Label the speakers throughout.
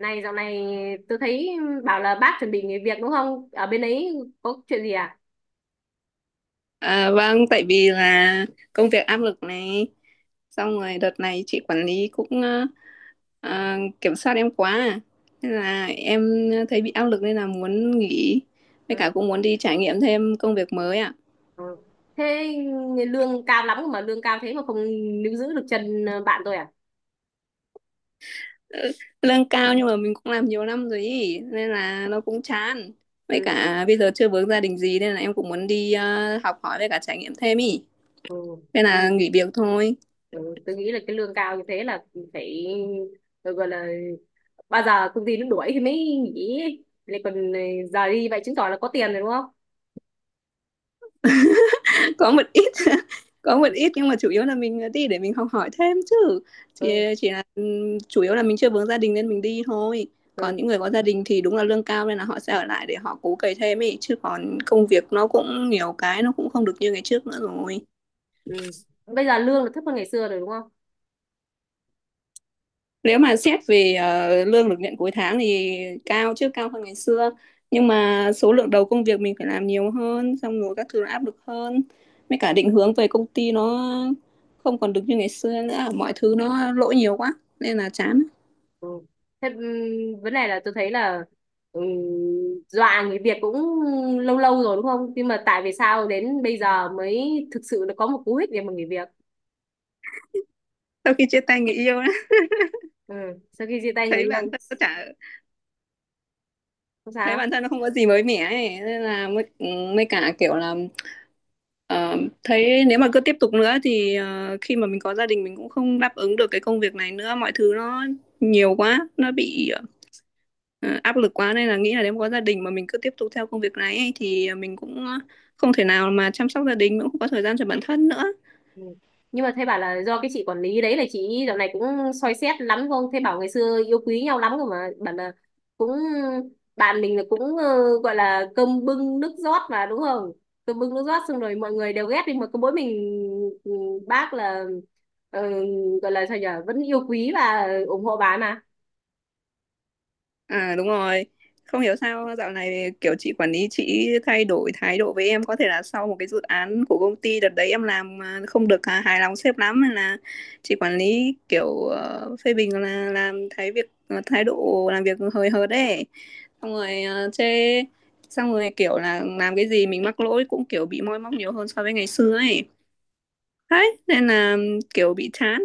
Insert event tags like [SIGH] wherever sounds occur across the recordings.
Speaker 1: Này dạo này tôi thấy bảo là bác chuẩn bị nghỉ việc đúng không? Ở bên ấy có chuyện gì à?
Speaker 2: Vâng, tại vì là công việc áp lực này, xong rồi đợt này chị quản lý cũng kiểm soát em quá, nên là em thấy bị áp lực nên là muốn nghỉ, với cả
Speaker 1: Ừ.
Speaker 2: cũng muốn đi trải nghiệm thêm công việc mới ạ.
Speaker 1: Ừ. Thế lương cao lắm mà lương cao thế mà không níu giữ được chân bạn tôi à?
Speaker 2: Ừ, lương cao nhưng mà mình cũng làm nhiều năm rồi ý, nên là nó cũng chán. Với
Speaker 1: Ừ.
Speaker 2: cả bây giờ chưa vướng gia đình gì nên là em cũng muốn đi học hỏi với cả trải nghiệm thêm ý,
Speaker 1: Ừ.
Speaker 2: nên là
Speaker 1: Ừ.
Speaker 2: nghỉ việc thôi.
Speaker 1: Ừ. Tôi nghĩ là cái lương cao như thế là phải tôi gọi là bao giờ công ty nó đuổi thì mới nghỉ ấy. Lại còn giờ đi vậy chứng tỏ là có tiền rồi đúng không?
Speaker 2: [LAUGHS] [LAUGHS] Có một ít. [LAUGHS] Có một
Speaker 1: Ừ.
Speaker 2: ít nhưng mà chủ yếu là mình đi để mình học hỏi thêm chứ chỉ
Speaker 1: Ừ.
Speaker 2: chỉ là chủ yếu là mình chưa vướng gia đình nên mình đi thôi.
Speaker 1: Ừ.
Speaker 2: Còn những người có gia đình thì đúng là lương cao nên là họ sẽ ở lại để họ cố cày thêm ấy, chứ còn công việc nó cũng nhiều cái nó cũng không được như ngày trước nữa rồi.
Speaker 1: Ừ. Bây giờ lương là thấp hơn ngày xưa rồi đúng không?
Speaker 2: Nếu mà xét về lương được nhận cuối tháng thì cao, chứ cao hơn ngày xưa, nhưng mà số lượng đầu công việc mình phải làm nhiều hơn, xong rồi các thứ nó áp lực hơn, mấy cả định hướng về công ty nó không còn được như ngày xưa nữa, mọi thứ nó lỗi nhiều quá nên là chán.
Speaker 1: Ừ. Thế vấn đề là tôi thấy là ừm, dọa người Việt cũng lâu lâu rồi đúng không? Nhưng mà tại vì sao đến bây giờ mới thực sự là có một cú hích để mà người Việt.
Speaker 2: Sau khi chia tay người yêu á,
Speaker 1: Ừ. Sau khi chia tay người
Speaker 2: thấy bản
Speaker 1: yêu,
Speaker 2: thân nó chả,
Speaker 1: không
Speaker 2: thấy
Speaker 1: sao?
Speaker 2: bản thân nó không có gì mới mẻ ấy, nên là mới mới cả kiểu là ờ, thấy nếu mà cứ tiếp tục nữa thì khi mà mình có gia đình mình cũng không đáp ứng được cái công việc này nữa, mọi thứ nó nhiều quá, nó bị ờ, áp lực quá, nên là nghĩ là nếu mà có gia đình mà mình cứ tiếp tục theo công việc này ấy, thì mình cũng không thể nào mà chăm sóc gia đình, mình cũng không có thời gian cho bản thân nữa.
Speaker 1: Ừ. Nhưng mà thế bảo là do cái chị quản lý đấy là chị dạo này cũng soi xét lắm không? Thế bảo ngày xưa yêu quý nhau lắm rồi mà bảo là cũng bạn mình là cũng gọi là cơm bưng nước rót mà đúng không? Cơm bưng nước rót xong rồi mọi người đều ghét đi mà có mỗi mình ừ, bác là ờ, gọi là sao nhở vẫn yêu quý và ủng hộ bà ấy mà.
Speaker 2: À, đúng rồi. Không hiểu sao dạo này kiểu chị quản lý chị thay đổi thái độ với em, có thể là sau một cái dự án của công ty đợt đấy em làm mà không được hài lòng sếp lắm, nên là chị quản lý kiểu phê bình là làm thái độ làm việc hời hợt đấy. Xong rồi chê, xong rồi kiểu là làm cái gì mình mắc lỗi cũng kiểu bị moi móc nhiều hơn so với ngày xưa ấy. Đấy, nên là kiểu bị chán.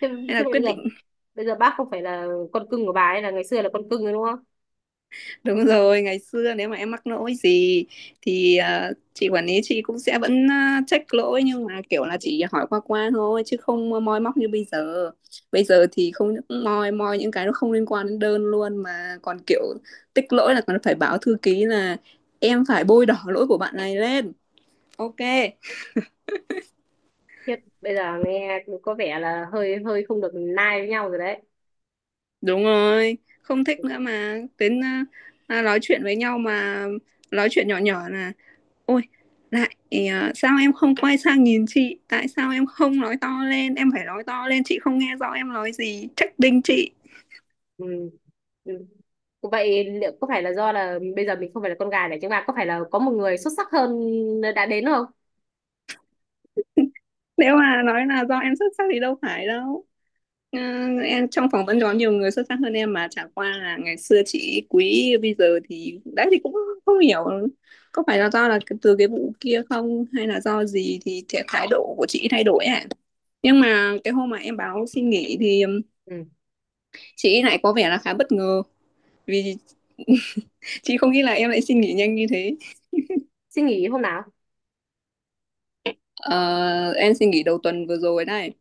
Speaker 1: Thế,
Speaker 2: Nên là
Speaker 1: thế
Speaker 2: quyết định.
Speaker 1: bây giờ bác không phải là con cưng của bà ấy là ngày xưa là con cưng rồi đúng không?
Speaker 2: Đúng rồi, ngày xưa nếu mà em mắc lỗi gì thì chị quản lý chị cũng sẽ vẫn check lỗi, nhưng mà kiểu là chỉ hỏi qua qua thôi chứ không moi móc như bây giờ. Bây giờ thì không những moi moi những cái nó không liên quan đến đơn luôn, mà còn kiểu tích lỗi là còn phải báo thư ký là em phải bôi đỏ lỗi của bạn này lên. Ok,
Speaker 1: Khiếp, bây giờ nghe có vẻ là hơi hơi không được nai với nhau rồi đấy.
Speaker 2: đúng rồi, không thích nữa mà đến nói chuyện với nhau mà nói chuyện nhỏ nhỏ là, Ôi, lại sao em không quay sang nhìn chị? Tại sao em không nói to lên? Em phải nói to lên, chị không nghe rõ em nói gì. Trách đinh chị.
Speaker 1: Ừ. Ừ. Vậy liệu có phải là do là bây giờ mình không phải là con gà để chúng ta có phải là có một người xuất sắc hơn đã đến không?
Speaker 2: Nếu mà nói là do em xuất sắc thì đâu phải đâu. Ờ, em trong phỏng vấn có nhiều người xuất sắc hơn em, mà chả qua là ngày xưa chị quý, bây giờ thì đấy thì cũng không hiểu có phải là do là từ cái vụ kia không, hay là do gì thì thái độ của chị thay đổi ạ. Nhưng mà cái hôm mà em báo xin nghỉ thì
Speaker 1: Ừ.
Speaker 2: chị lại có vẻ là khá bất ngờ vì, [LAUGHS] chị không nghĩ là em lại xin nghỉ nhanh như thế.
Speaker 1: Suy nghĩ hôm nào?
Speaker 2: Ờ, em xin nghỉ đầu tuần vừa rồi này.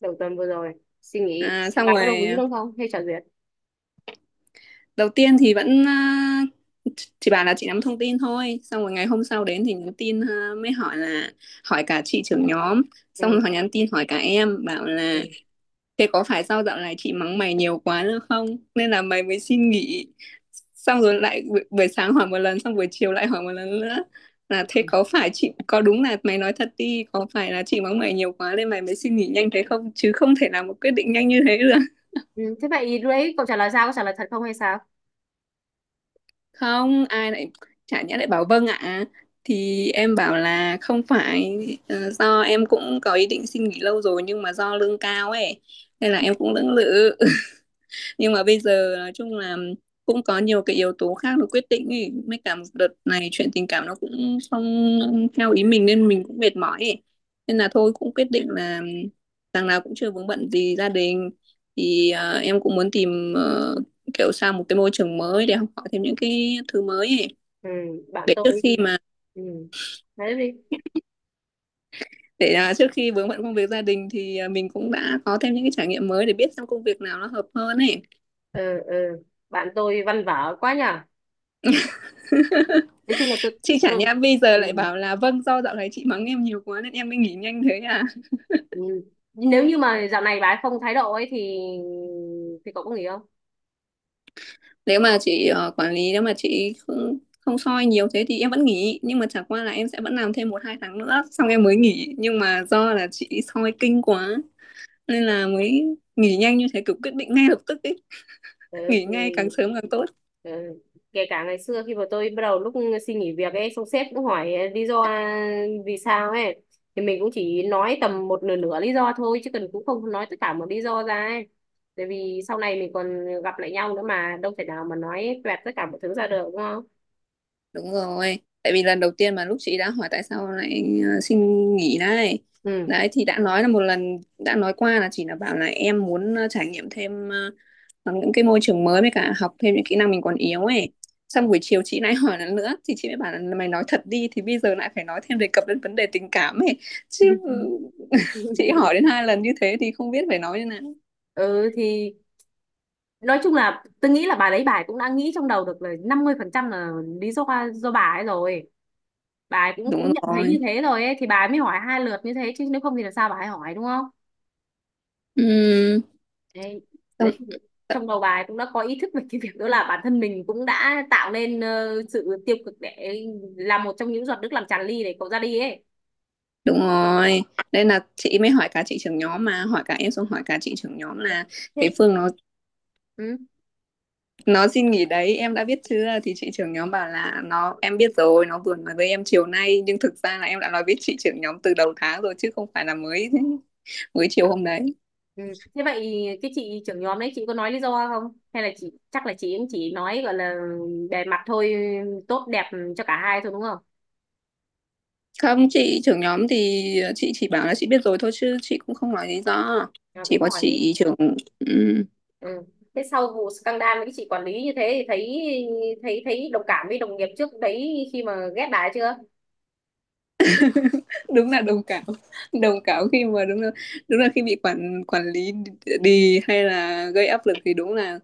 Speaker 1: Đầu tuần vừa rồi. Suy nghĩ.
Speaker 2: Xong
Speaker 1: Bạn có đồng
Speaker 2: rồi
Speaker 1: ý đúng không? Hay trả duyệt?
Speaker 2: đầu tiên thì vẫn chị bảo là chị nắm thông tin thôi, xong rồi ngày hôm sau đến thì nhắn tin mới hỏi là, hỏi cả chị trưởng nhóm, xong
Speaker 1: Ừ.
Speaker 2: rồi họ nhắn tin hỏi cả em bảo là,
Speaker 1: Ừ.
Speaker 2: thế có phải sau dạo này chị mắng mày nhiều quá nữa không? Nên là mày mới xin nghỉ. Xong rồi lại buổi sáng hỏi một lần, xong buổi chiều lại hỏi một lần nữa. Là thế có phải chị, có đúng là mày nói thật đi, có phải là chị mắng mày nhiều quá nên mày mới xin nghỉ nhanh thế không? Chứ không thể làm một quyết định nhanh như thế được.
Speaker 1: Ừ. Thế vậy lúc đấy cậu trả lời sao? Có trả lời thật không hay sao?
Speaker 2: [LAUGHS] Không, ai lại, chả nhẽ lại bảo vâng ạ. Thì em bảo là không phải, do em cũng có ý định xin nghỉ lâu rồi nhưng mà do lương cao ấy. Nên là em cũng lưỡng lự. [LAUGHS] Nhưng mà bây giờ nói chung là cũng có nhiều cái yếu tố khác nó quyết định ấy, mấy cả một đợt này chuyện tình cảm nó cũng không theo ý mình nên mình cũng mệt mỏi ấy. Nên là thôi, cũng quyết định là đằng nào cũng chưa vướng bận gì gia đình, thì em cũng muốn tìm kiểu sang một cái môi trường mới để học hỏi thêm những cái thứ mới ấy.
Speaker 1: Ừ. Bạn
Speaker 2: Để trước
Speaker 1: tôi.
Speaker 2: khi mà,
Speaker 1: Ừ. Nói đi.
Speaker 2: để trước khi vướng bận công việc gia đình thì mình cũng đã có thêm những cái trải nghiệm mới để biết xem công việc nào nó hợp hơn ấy.
Speaker 1: Ừ. Ừ. Bạn tôi văn vở quá nhở. Nói chung là tôi.
Speaker 2: Chị chả
Speaker 1: Tôi...
Speaker 2: nhẽ bây giờ
Speaker 1: Ừ.
Speaker 2: lại bảo là vâng do dạo này chị mắng em nhiều quá nên em mới nghỉ nhanh thế à.
Speaker 1: Ừ. Nếu như mà dạo này bà ấy không thái độ ấy thì cậu có nghỉ không?
Speaker 2: Nếu mà chị quản lý, nếu mà chị không không soi nhiều thế thì em vẫn nghỉ, nhưng mà chẳng qua là em sẽ vẫn làm thêm một hai tháng nữa xong em mới nghỉ, nhưng mà do là chị soi kinh quá nên là mới nghỉ nhanh như thế, kiểu quyết định ngay lập tức ấy,
Speaker 1: Ừ,
Speaker 2: nghỉ ngay
Speaker 1: thì
Speaker 2: càng sớm càng tốt.
Speaker 1: ừ. Kể cả ngày xưa khi mà tôi bắt đầu lúc xin nghỉ việc ấy xong sếp cũng hỏi lý do vì sao ấy thì mình cũng chỉ nói tầm một nửa nửa lý do thôi chứ cần cũng không nói tất cả một lý do ra ấy, tại vì sau này mình còn gặp lại nhau nữa mà đâu thể nào mà nói toẹt tất cả mọi thứ ra được đúng không?
Speaker 2: Đúng rồi, tại vì lần đầu tiên mà lúc chị đã hỏi tại sao lại xin nghỉ đấy,
Speaker 1: Ừ.
Speaker 2: đấy thì đã nói là một lần, đã nói qua là chỉ là bảo là em muốn trải nghiệm thêm, hoặc những cái môi trường mới, với cả học thêm những kỹ năng mình còn yếu ấy. Xong buổi chiều chị lại [LAUGHS] hỏi lần nữa thì chị mới bảo là mày nói thật đi, thì bây giờ lại phải nói thêm đề cập đến vấn đề tình cảm ấy chứ. [LAUGHS] Chị hỏi đến hai lần như thế thì không biết phải nói như nào.
Speaker 1: [LAUGHS] Ừ thì nói chung là tôi nghĩ là bà đấy bà ấy cũng đã nghĩ trong đầu được là 50% là lý do do bà ấy rồi, bà ấy cũng cũng
Speaker 2: Đúng
Speaker 1: nhận thấy như
Speaker 2: rồi.
Speaker 1: thế rồi ấy thì bà ấy mới hỏi hai lượt như thế chứ nếu không thì là sao bà ấy hỏi đúng không?
Speaker 2: Ừ,
Speaker 1: Đấy, đấy
Speaker 2: xong-
Speaker 1: thì trong đầu bà ấy cũng đã có ý thức về cái việc đó là bản thân mình cũng đã tạo nên sự tiêu cực để làm một trong những giọt nước làm tràn ly để cậu ra đi ấy.
Speaker 2: đúng rồi, nên là chị mới hỏi cả chị trưởng nhóm, mà hỏi cả em xong hỏi cả chị trưởng nhóm là
Speaker 1: Thế
Speaker 2: cái Phương nó
Speaker 1: ừ.
Speaker 2: Nó xin nghỉ đấy, em đã biết chưa? Thì chị trưởng nhóm bảo là nó em biết rồi, nó vừa nói với em chiều nay, nhưng thực ra là em đã nói với chị trưởng nhóm từ đầu tháng rồi chứ không phải là mới [LAUGHS] mới chiều hôm đấy.
Speaker 1: Ừ. Thế vậy cái chị trưởng nhóm đấy chị có nói lý do không? Hay là chị chắc là chị cũng chỉ nói gọi là bề mặt thôi, tốt đẹp cho cả hai thôi đúng không?
Speaker 2: Không, chị trưởng nhóm thì chị chỉ bảo là chị biết rồi thôi, chứ chị cũng không nói lý do.
Speaker 1: À,
Speaker 2: Chỉ
Speaker 1: cũng
Speaker 2: có
Speaker 1: hỏi đấy.
Speaker 2: chị trưởng. Ừ.
Speaker 1: Ừ. Thế sau vụ scandal với cái chị quản lý như thế thì thấy thấy thấy đồng cảm với đồng nghiệp trước đấy khi mà ghét bà ấy chưa?
Speaker 2: Đúng là đồng cảm, [LAUGHS] đồng cảm khi mà đúng là, đúng là khi bị quản quản lý đi hay là gây áp lực thì đúng là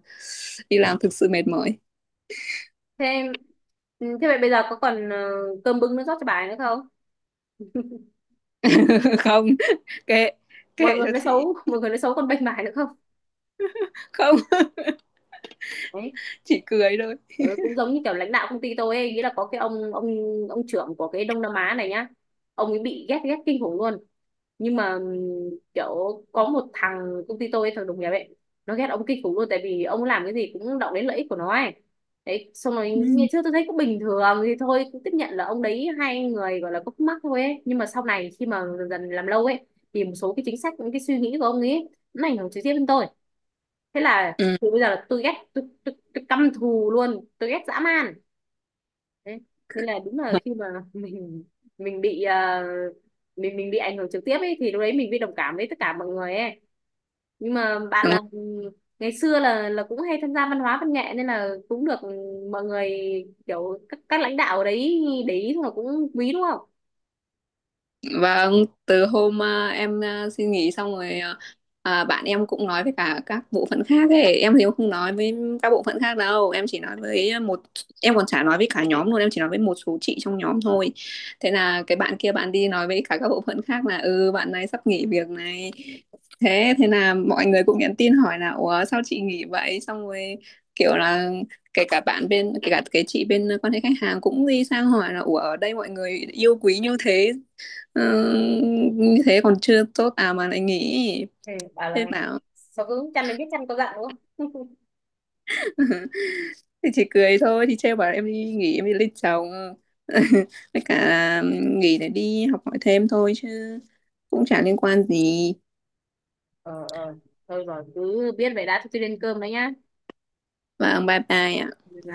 Speaker 2: đi làm thực sự mệt mỏi.
Speaker 1: Thế ừ, thế vậy bây giờ có còn cơm bưng nó rót cho bà ấy nữa không?
Speaker 2: [LAUGHS] Không, kệ,
Speaker 1: Mọi
Speaker 2: kệ
Speaker 1: người
Speaker 2: cho
Speaker 1: nói
Speaker 2: chị.
Speaker 1: xấu, [LAUGHS] mọi người nói xấu còn bênh bà ấy nữa không?
Speaker 2: Không,
Speaker 1: Đấy.
Speaker 2: chỉ cười thôi.
Speaker 1: Ừ, cũng giống như kiểu lãnh đạo công ty tôi ấy, nghĩa là có cái ông ông trưởng của cái Đông Nam Á này nhá, ông ấy bị ghét ghét kinh khủng luôn, nhưng mà kiểu có một thằng công ty tôi ấy, thằng đồng nghiệp ấy nó ghét ông kinh khủng luôn tại vì ông làm cái gì cũng động đến lợi ích của nó ấy. Đấy, xong rồi ngày
Speaker 2: Ừ.
Speaker 1: trước tôi thấy cũng bình thường thì thôi cũng tiếp nhận là ông đấy hai người gọi là có khúc mắc thôi ấy, nhưng mà sau này khi mà dần dần làm lâu ấy thì một số cái chính sách những cái suy nghĩ của ông ấy nó ảnh hưởng trực tiếp đến tôi. Thế là từ bây giờ là tôi căm thù luôn, tôi ghét dã man. Đấy. Nên là đúng là khi mà [LAUGHS] mình mình bị mình bị ảnh hưởng trực tiếp ấy thì lúc đấy mình bị đồng cảm với tất cả mọi người ấy. Nhưng mà bạn
Speaker 2: Ừ.
Speaker 1: là ngày xưa là cũng hay tham gia văn hóa văn nghệ nên là cũng được mọi người kiểu các lãnh đạo ở đấy để ý thôi cũng quý đúng không?
Speaker 2: Vâng, từ hôm em xin nghỉ xong rồi bạn em cũng nói với cả các bộ phận khác ấy, em thì em không nói với các bộ phận khác đâu, em chỉ nói với một, em còn chả nói với cả nhóm luôn, em chỉ nói với một số chị trong nhóm thôi. Thế là cái bạn kia bạn đi nói với cả các bộ phận khác là ừ bạn này sắp nghỉ việc này. Thế thế là mọi người cũng nhắn tin hỏi là ủa sao chị nghỉ vậy? Xong rồi kiểu là kể cả bạn bên, kể cả cái chị bên quan hệ khách hàng cũng đi sang hỏi là ủa ở đây mọi người yêu quý như thế, Ờ, như thế còn chưa tốt à mà lại nghỉ.
Speaker 1: Ừ, bảo
Speaker 2: Thế
Speaker 1: là
Speaker 2: bảo,
Speaker 1: sao cứ chăn đến biết chăn có dặn đúng không? [LAUGHS]
Speaker 2: [LAUGHS] thì chỉ cười thôi, thì trêu bảo em đi nghỉ em đi lấy chồng. [LAUGHS] Với cả là nghỉ để đi học hỏi thêm thôi chứ cũng chả liên quan gì.
Speaker 1: Ờ ờ, thôi rồi cứ biết vậy đã, tôi đi lên cơm đấy nhá.
Speaker 2: Và bye bye ạ.